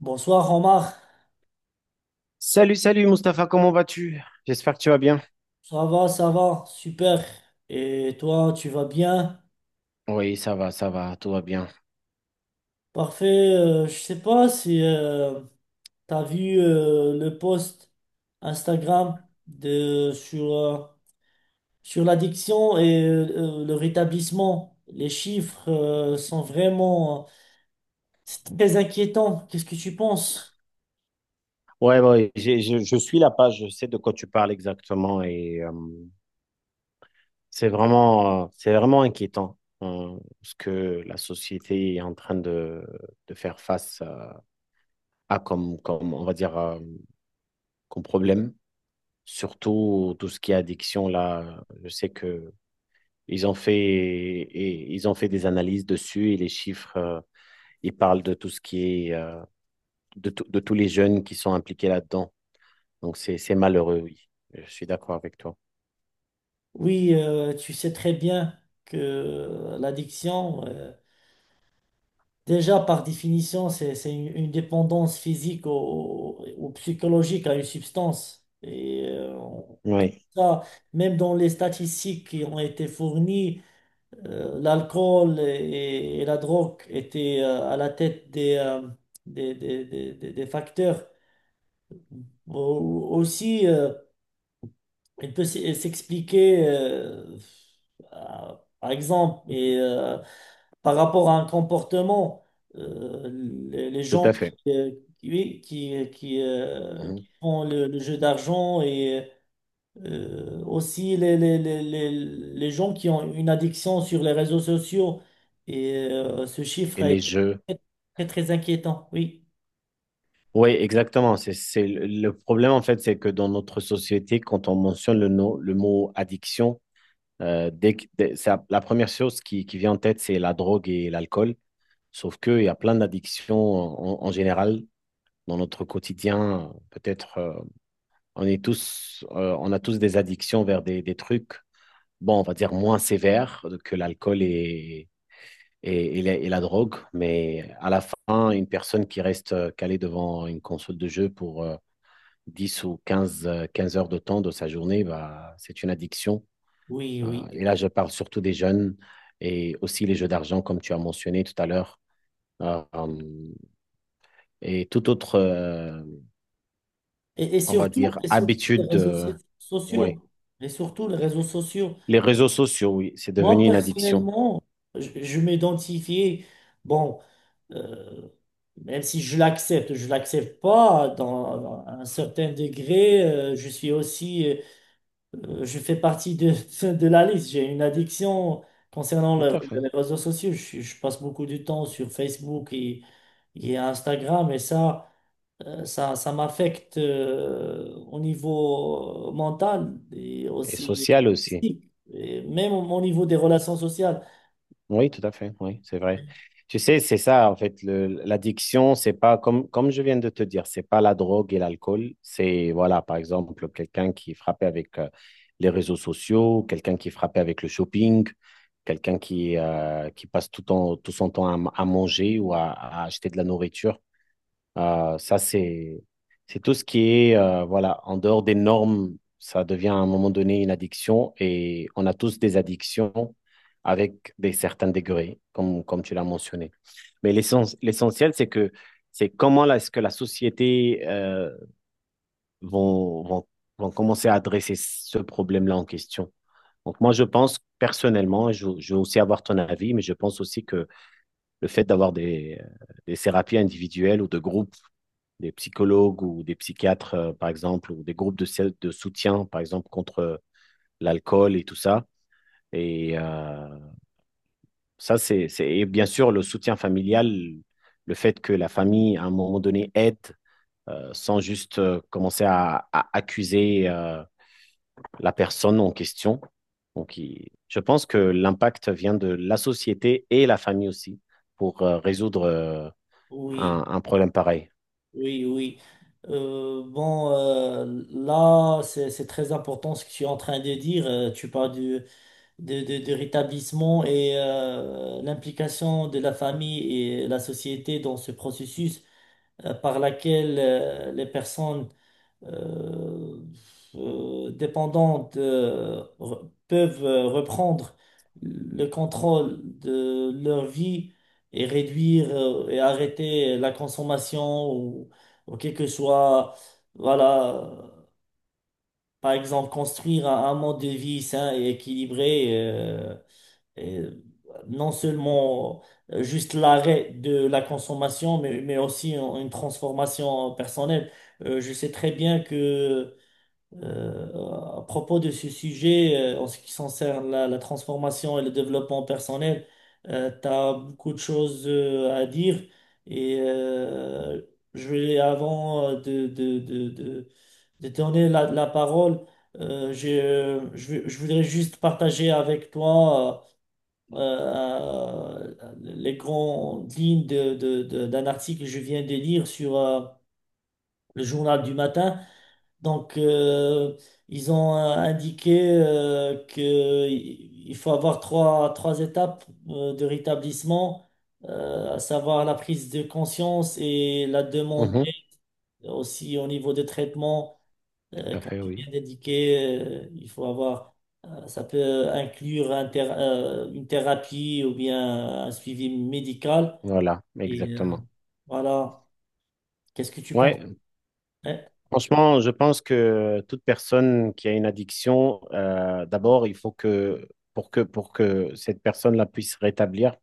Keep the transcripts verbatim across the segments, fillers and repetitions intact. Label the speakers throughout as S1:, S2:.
S1: Bonsoir Omar,
S2: Salut, salut Mustapha, comment vas-tu? J'espère que tu vas bien.
S1: ça va, ça va, super. Et toi, tu vas bien?
S2: Oui, ça va, ça va, tout va bien.
S1: Parfait. Euh, je sais pas si euh, tu vu euh, le post Instagram de sur euh, sur l'addiction et euh, le rétablissement. Les chiffres euh, sont vraiment c'est très inquiétant. Qu'est-ce que tu penses?
S2: Ouais, ouais, j'ai- je, je suis la page, je sais de quoi tu parles exactement et euh, c'est vraiment, euh, c'est vraiment inquiétant euh, ce que la société est en train de, de faire face euh, à comme, comme, on va dire, euh, comme problème. Surtout tout ce qui est addiction, là, je sais que ils ont fait, et, ils ont fait des analyses dessus et les chiffres, euh, ils parlent de tout ce qui est euh, de, tout- de tous les jeunes qui sont impliqués là-dedans. Donc, c'est, c'est malheureux, oui. Je suis d'accord avec toi.
S1: Oui, euh, tu sais très bien que euh, l'addiction. euh, Déjà, par définition, c'est, c'est une, une dépendance physique au- ou psychologique à une substance. Et euh,
S2: Oui,
S1: ça, même dans les statistiques qui ont été fournies, euh, l'alcool et, et la drogue étaient euh, à la tête des, euh, des, des- des- des- des facteurs. Au- Aussi, euh, il peut s- s'expliquer, euh, à- par exemple, et, euh, par rapport à un comportement, euh, les, les
S2: tout
S1: gens
S2: à fait.
S1: qui, euh, qui, oui, qui, qui, euh, qui
S2: Mhm.
S1: font le, le jeu d'argent et euh, aussi les, les, les, les, les gens qui ont une addiction sur les réseaux sociaux. Et euh, ce chiffre
S2: Et
S1: a
S2: les
S1: été
S2: jeux.
S1: très, très, très inquiétant. Oui,
S2: Oui, exactement. C'est, c'est le le problème, en fait, c'est que dans notre société, quand on mentionne le, no- le mot addiction, euh, dès que- dès- ça- la première chose qui, qui vient en tête, c'est la drogue et l'alcool. Sauf qu'il y a plein d'addictions en, en- en général dans notre quotidien. Peut-être, euh, on est tous, euh, on a tous des addictions vers des, des trucs bon, on va dire, moins sévère que l'alcool et, et, et la, et la drogue. Mais à la fin, une personne qui reste euh, calée devant une console de jeu pour euh, dix ou quinze euh, quinze heures de temps de sa journée, bah, c'est une addiction.
S1: oui,
S2: Euh,
S1: oui.
S2: et là, je parle surtout des jeunes et aussi les jeux d'argent, comme tu as mentionné tout à l'heure. Euh, euh, et toute autre, euh,
S1: Et, et
S2: on va
S1: surtout,
S2: dire,
S1: et surtout les
S2: habitude.
S1: réseaux so-
S2: euh,
S1: sociaux.
S2: ouais.
S1: Et surtout les réseaux sociaux.
S2: Les réseaux sociaux, oui, c'est
S1: Moi,
S2: devenu une addiction.
S1: personnellement, je, je m'identifiais, bon, euh, même si je l'accepte, je l'accepte pas, dans un certain degré, euh, je suis aussi, euh, je fais partie de, de la liste. J'ai une addiction concernant
S2: Tout
S1: le-
S2: à fait.
S1: les réseaux sociaux. Je, je passe beaucoup de temps sur Facebook et, et Instagram et ça. Euh, Ça, ça m'affecte euh, au niveau euh, mental et
S2: Et
S1: aussi
S2: sociale aussi.
S1: physique, et même au, au niveau des relations sociales.
S2: Oui, tout à fait, oui, c'est vrai. Tu sais, c'est ça, en fait, le- l'addiction, c'est pas, comme, comme je viens de te dire, c'est pas la drogue et l'alcool, c'est, voilà, par exemple, quelqu'un qui est frappé avec euh, les réseaux sociaux, quelqu'un qui est frappé avec le shopping, quelqu'un qui, euh, qui passe tout, ton- tout son temps à, m- à manger ou à, à acheter de la nourriture. Euh, ça, c'est, c'est tout ce qui est, euh, voilà, en dehors des normes, ça devient à un moment donné une addiction et on a tous des addictions avec des certains degrés, comme, comme tu l'as mentionné. Mais l'essen- l'essentiel, c'est que c'est comment là, est-ce que la société euh, vont, vont, vont commencer à adresser ce problème-là en question. Donc moi, je pense personnellement, et je, je veux aussi avoir ton avis, mais je pense aussi que le fait d'avoir des, des thérapies individuelles ou de groupes des psychologues ou des psychiatres, euh, par exemple, ou des groupes de, de soutien, par exemple, contre euh, l'alcool et tout ça. Et euh, ça, c'est, c'est, et bien sûr, le soutien familial, le fait que la famille, à un moment donné, aide euh, sans juste euh, commencer à, à accuser euh, la personne en question. Donc, il- je pense que l'impact vient de la société et la famille aussi pour euh, résoudre euh,
S1: Oui,
S2: un, un problème pareil.
S1: oui, oui. Euh, bon, euh, là, c'est, c'est très important ce que tu es en train de dire. Euh, tu parles du- de, de, de rétablissement et euh, l'implication de la famille et la société dans ce processus euh, par laquelle euh, les personnes euh, euh, dépendants de- re- peuvent euh, reprendre le contrôle de leur vie et réduire euh, et arrêter la consommation ou, ou quel que soit, voilà, par exemple, construire un, un mode de vie sain et équilibré euh, et non seulement euh, juste l'arrêt de la consommation, mais, mais aussi une transformation personnelle. Euh, je sais très bien que euh, à propos de ce sujet, euh, en ce qui concerne la, la transformation et le développement personnel, tu as beaucoup de choses euh, à dire et euh, je vais, avant euh, de, de, de, de, de donner la, la parole, euh, je, je, veux- je voudrais juste partager avec toi euh, euh, les grandes lignes de, de, de- d'un article que je viens de lire sur euh, le journal du matin. Donc, euh, ils ont euh, indiqué euh, que il faut avoir trois, trois étapes euh, de rétablissement, euh, à savoir la prise de conscience et la demande
S2: Mhm,
S1: d'aide aussi au niveau des traitements. Euh,
S2: tout à
S1: comme
S2: fait,
S1: tu
S2: oui.
S1: viens d'indiquer, euh, il faut avoir, euh, ça peut inclure un théra- euh, une thérapie ou bien un suivi médical.
S2: Voilà,
S1: Et euh,
S2: exactement.
S1: voilà, qu'est-ce que tu penses?
S2: Ouais, franchement, je pense que toute personne qui a une addiction, euh, d'abord, il faut que pour que pour que cette personne-là puisse se rétablir,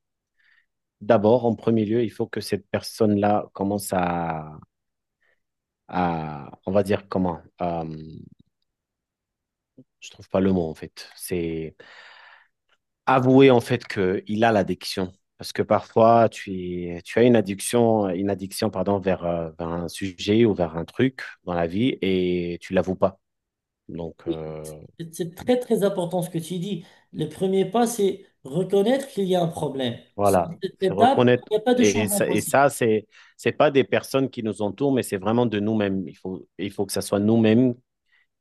S2: d'abord, en premier lieu, il faut que cette personne-là commence à, à, on va dire comment, euh, je trouve pas le mot en fait. C'est avouer en fait que il a l'addiction, parce que parfois tu es- tu as une addiction, une addiction pardon vers, euh, vers un sujet ou vers un truc dans la vie et tu l'avoues pas. Donc,
S1: Oui,
S2: euh,
S1: c'est c'est très très important ce que tu dis. Le premier pas, c'est reconnaître qu'il y a un problème.
S2: Voilà,
S1: Cette
S2: c'est
S1: étape, il
S2: reconnaître.
S1: n'y a pas de
S2: Et
S1: changement
S2: ça, et
S1: possible.
S2: ça c'est, c'est pas des personnes qui nous entourent, mais c'est vraiment de nous-mêmes. Il faut, il faut que ça soit nous-mêmes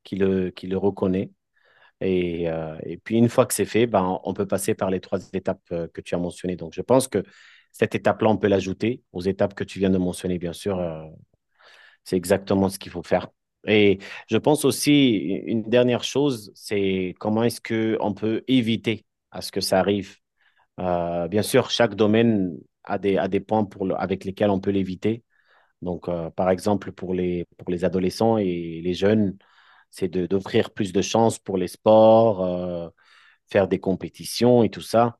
S2: qui le, qui le reconnaît. Et, euh, et puis, une fois que c'est fait, ben, on peut passer par les trois étapes euh, que tu as mentionnées. Donc, je pense que cette étape-là, on peut l'ajouter aux étapes que tu viens de mentionner, bien sûr. euh, c'est exactement ce qu'il faut faire. Et je pense aussi, une dernière chose, c'est comment est-ce qu'on peut éviter à ce que ça arrive euh, bien sûr, chaque domaine a des, a des points pour le- avec lesquels on peut l'éviter. Donc, euh, par exemple, pour les, pour les adolescents et les jeunes, c'est de, d'offrir plus de chances pour les sports, euh, faire des compétitions et tout ça.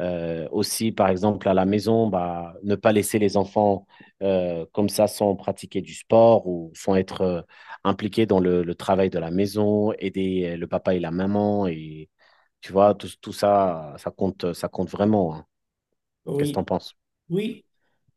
S2: Euh, aussi, par exemple, à la maison, bah, ne pas laisser les enfants euh, comme ça sans pratiquer du sport ou sans être euh, impliqués dans le, le travail de la maison, aider euh, le papa et la maman. Et tu vois, tout, tout ça, ça compte, ça compte vraiment, hein. Qu'est-ce que t'en
S1: Oui,
S2: penses?
S1: oui,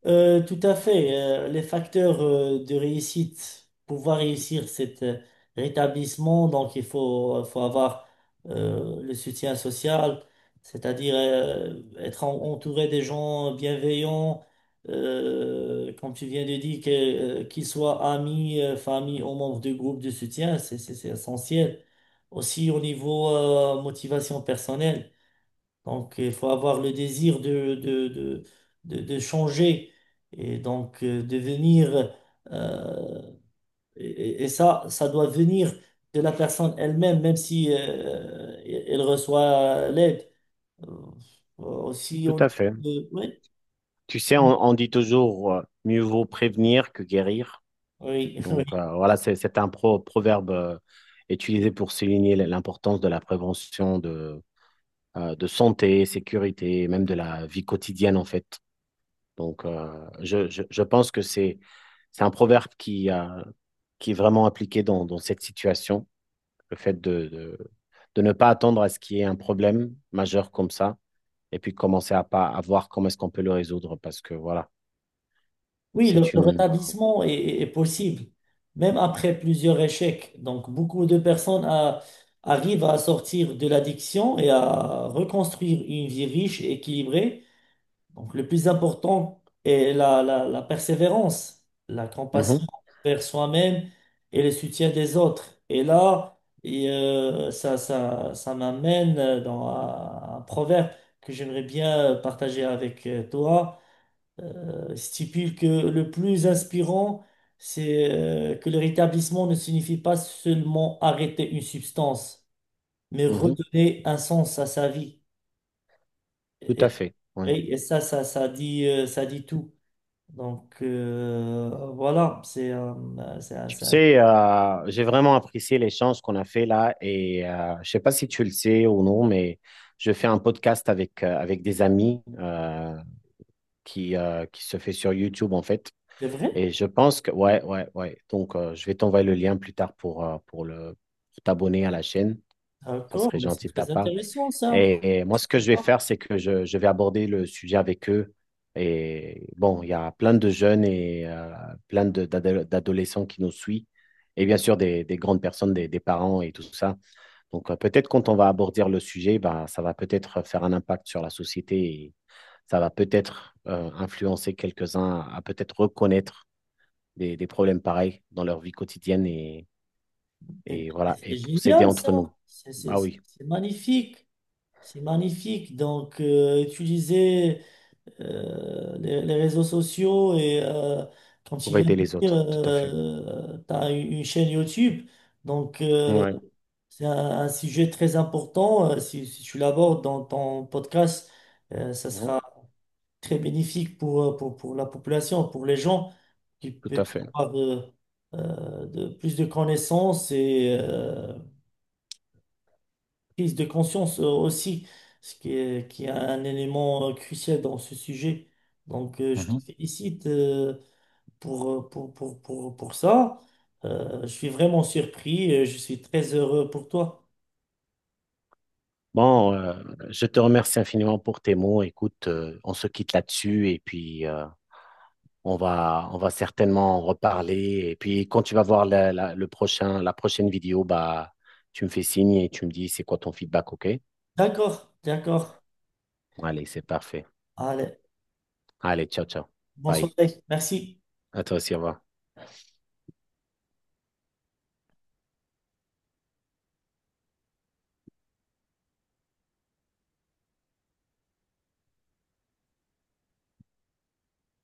S1: Euh, tout à fait. Euh, les facteurs euh, de réussite, pouvoir réussir cet euh, rétablissement, donc il faut, faut avoir euh, le soutien social, c'est-à-dire euh, être en- entouré des gens bienveillants, euh, comme tu viens de dire, que, euh, qu'ils soient amis, euh, famille ou membres de groupe de soutien, c'est c'est- c'est essentiel. Aussi au niveau euh, motivation personnelle. Donc, il faut avoir le désir de, de, de, de, de changer et donc euh, devenir. euh, et, et- Ça, ça doit venir de la personne elle-même, même si euh, elle reçoit l'aide. Euh, Aussi,
S2: Tout
S1: on.
S2: à fait.
S1: de- oui,
S2: Tu sais,
S1: on-
S2: on, on dit toujours euh, mieux vaut prévenir que guérir.
S1: oui, oui.
S2: Donc euh, voilà, c'est c'est un pro- proverbe euh, utilisé pour souligner l'importance de la prévention de, euh, de santé, sécurité, et même de la vie quotidienne en fait. Donc euh, je, je, je pense que c'est c'est un proverbe qui, euh, qui est vraiment appliqué dans, dans cette situation. Le fait de, de, de ne pas attendre à ce qu'il y ait un problème majeur comme ça, et puis commencer à, pas, à voir comment est-ce qu'on peut le résoudre, parce que voilà,
S1: Oui, le,
S2: c'est
S1: le
S2: une…
S1: rétablissement est, est- est possible, même après plusieurs échecs. Donc, beaucoup de personnes a- arrivent à sortir de l'addiction et à reconstruire une vie riche et équilibrée. Donc le plus important est la, la, la persévérance, la
S2: Mhm,
S1: compassion envers soi-même et le soutien des autres. Et là, et, euh, ça, ça, ça m'amène dans un, un proverbe que j'aimerais bien partager avec euh, toi. Euh, stipule que le plus inspirant, c'est euh, que le rétablissement ne signifie pas seulement arrêter une substance, mais
S2: mhm,
S1: redonner un sens à sa vie.
S2: tout
S1: Et,
S2: à fait, ouais.
S1: et- et ça, ça, ça dit, euh, ça dit tout. Donc euh, voilà, c'est euh, c'est
S2: Tu
S1: c'est-
S2: sais, euh, j'ai vraiment apprécié l'échange qu'on a fait là, et euh, je sais pas si tu le sais ou non, mais je fais un podcast avec, euh, avec des amis euh, qui, euh, qui se fait sur YouTube en fait.
S1: c'est vrai,
S2: Et je pense que, ouais, ouais, ouais. Donc, euh, je vais t'envoyer le lien plus tard pour, euh, pour le, pour t'abonner à la chaîne. Ça
S1: d'accord,
S2: serait
S1: mais c'est
S2: gentil de ta
S1: très
S2: part.
S1: intéressant ça.
S2: Et, et moi, ce que je vais faire, c'est que je, je vais aborder le sujet avec eux. Et bon, il y a plein de jeunes et euh, plein de- d'ado- d'adolescents qui nous suivent. Et bien sûr, des, des grandes personnes, des, des parents et tout ça. Donc, euh, peut-être quand on va aborder le sujet, bah, ça va peut-être faire un impact sur la société et ça va peut-être euh, influencer quelques-uns à, à peut-être reconnaître des, des problèmes pareils dans leur vie quotidienne et,
S1: C'est
S2: et voilà,
S1: c'est
S2: et pour s'aider
S1: génial ça,
S2: entre nous.
S1: c'est c'est-
S2: Ah oui,
S1: c'est magnifique, c'est magnifique. Donc euh, utiliser euh, les, les réseaux sociaux et euh, comme tu
S2: pour
S1: viens
S2: aider
S1: de
S2: les
S1: dire,
S2: autres, tout à fait.
S1: euh, tu as une chaîne YouTube, donc euh,
S2: Oui,
S1: c'est un, un sujet très important. Euh, Si, si tu l'abordes dans ton podcast, euh, ça
S2: tout
S1: sera très bénéfique pour, euh, pour, pour la population, pour les gens qui peuvent
S2: à fait.
S1: avoir euh, euh, de, plus de connaissances et euh, prise de conscience euh, aussi, ce qui est, qui est un élément euh, crucial dans ce sujet. Donc, euh, je te
S2: Mhm.
S1: félicite euh, pour, euh, pour, pour, pour, pour ça. Euh, je suis vraiment surpris et je suis très heureux pour toi.
S2: Bon, euh, je te remercie infiniment pour tes mots. Écoute, euh, on se quitte là-dessus et puis euh, on va, on va certainement en reparler. Et puis quand tu vas voir la, la- le prochain, la prochaine vidéo, bah, tu me fais signe et tu me dis c'est quoi ton feedback, OK?
S1: D'accord, d'accord.
S2: Allez, c'est parfait.
S1: Allez,
S2: Allez, ciao, ciao.
S1: bonne
S2: Bye.
S1: soirée. Merci.
S2: À toi aussi, au revoir.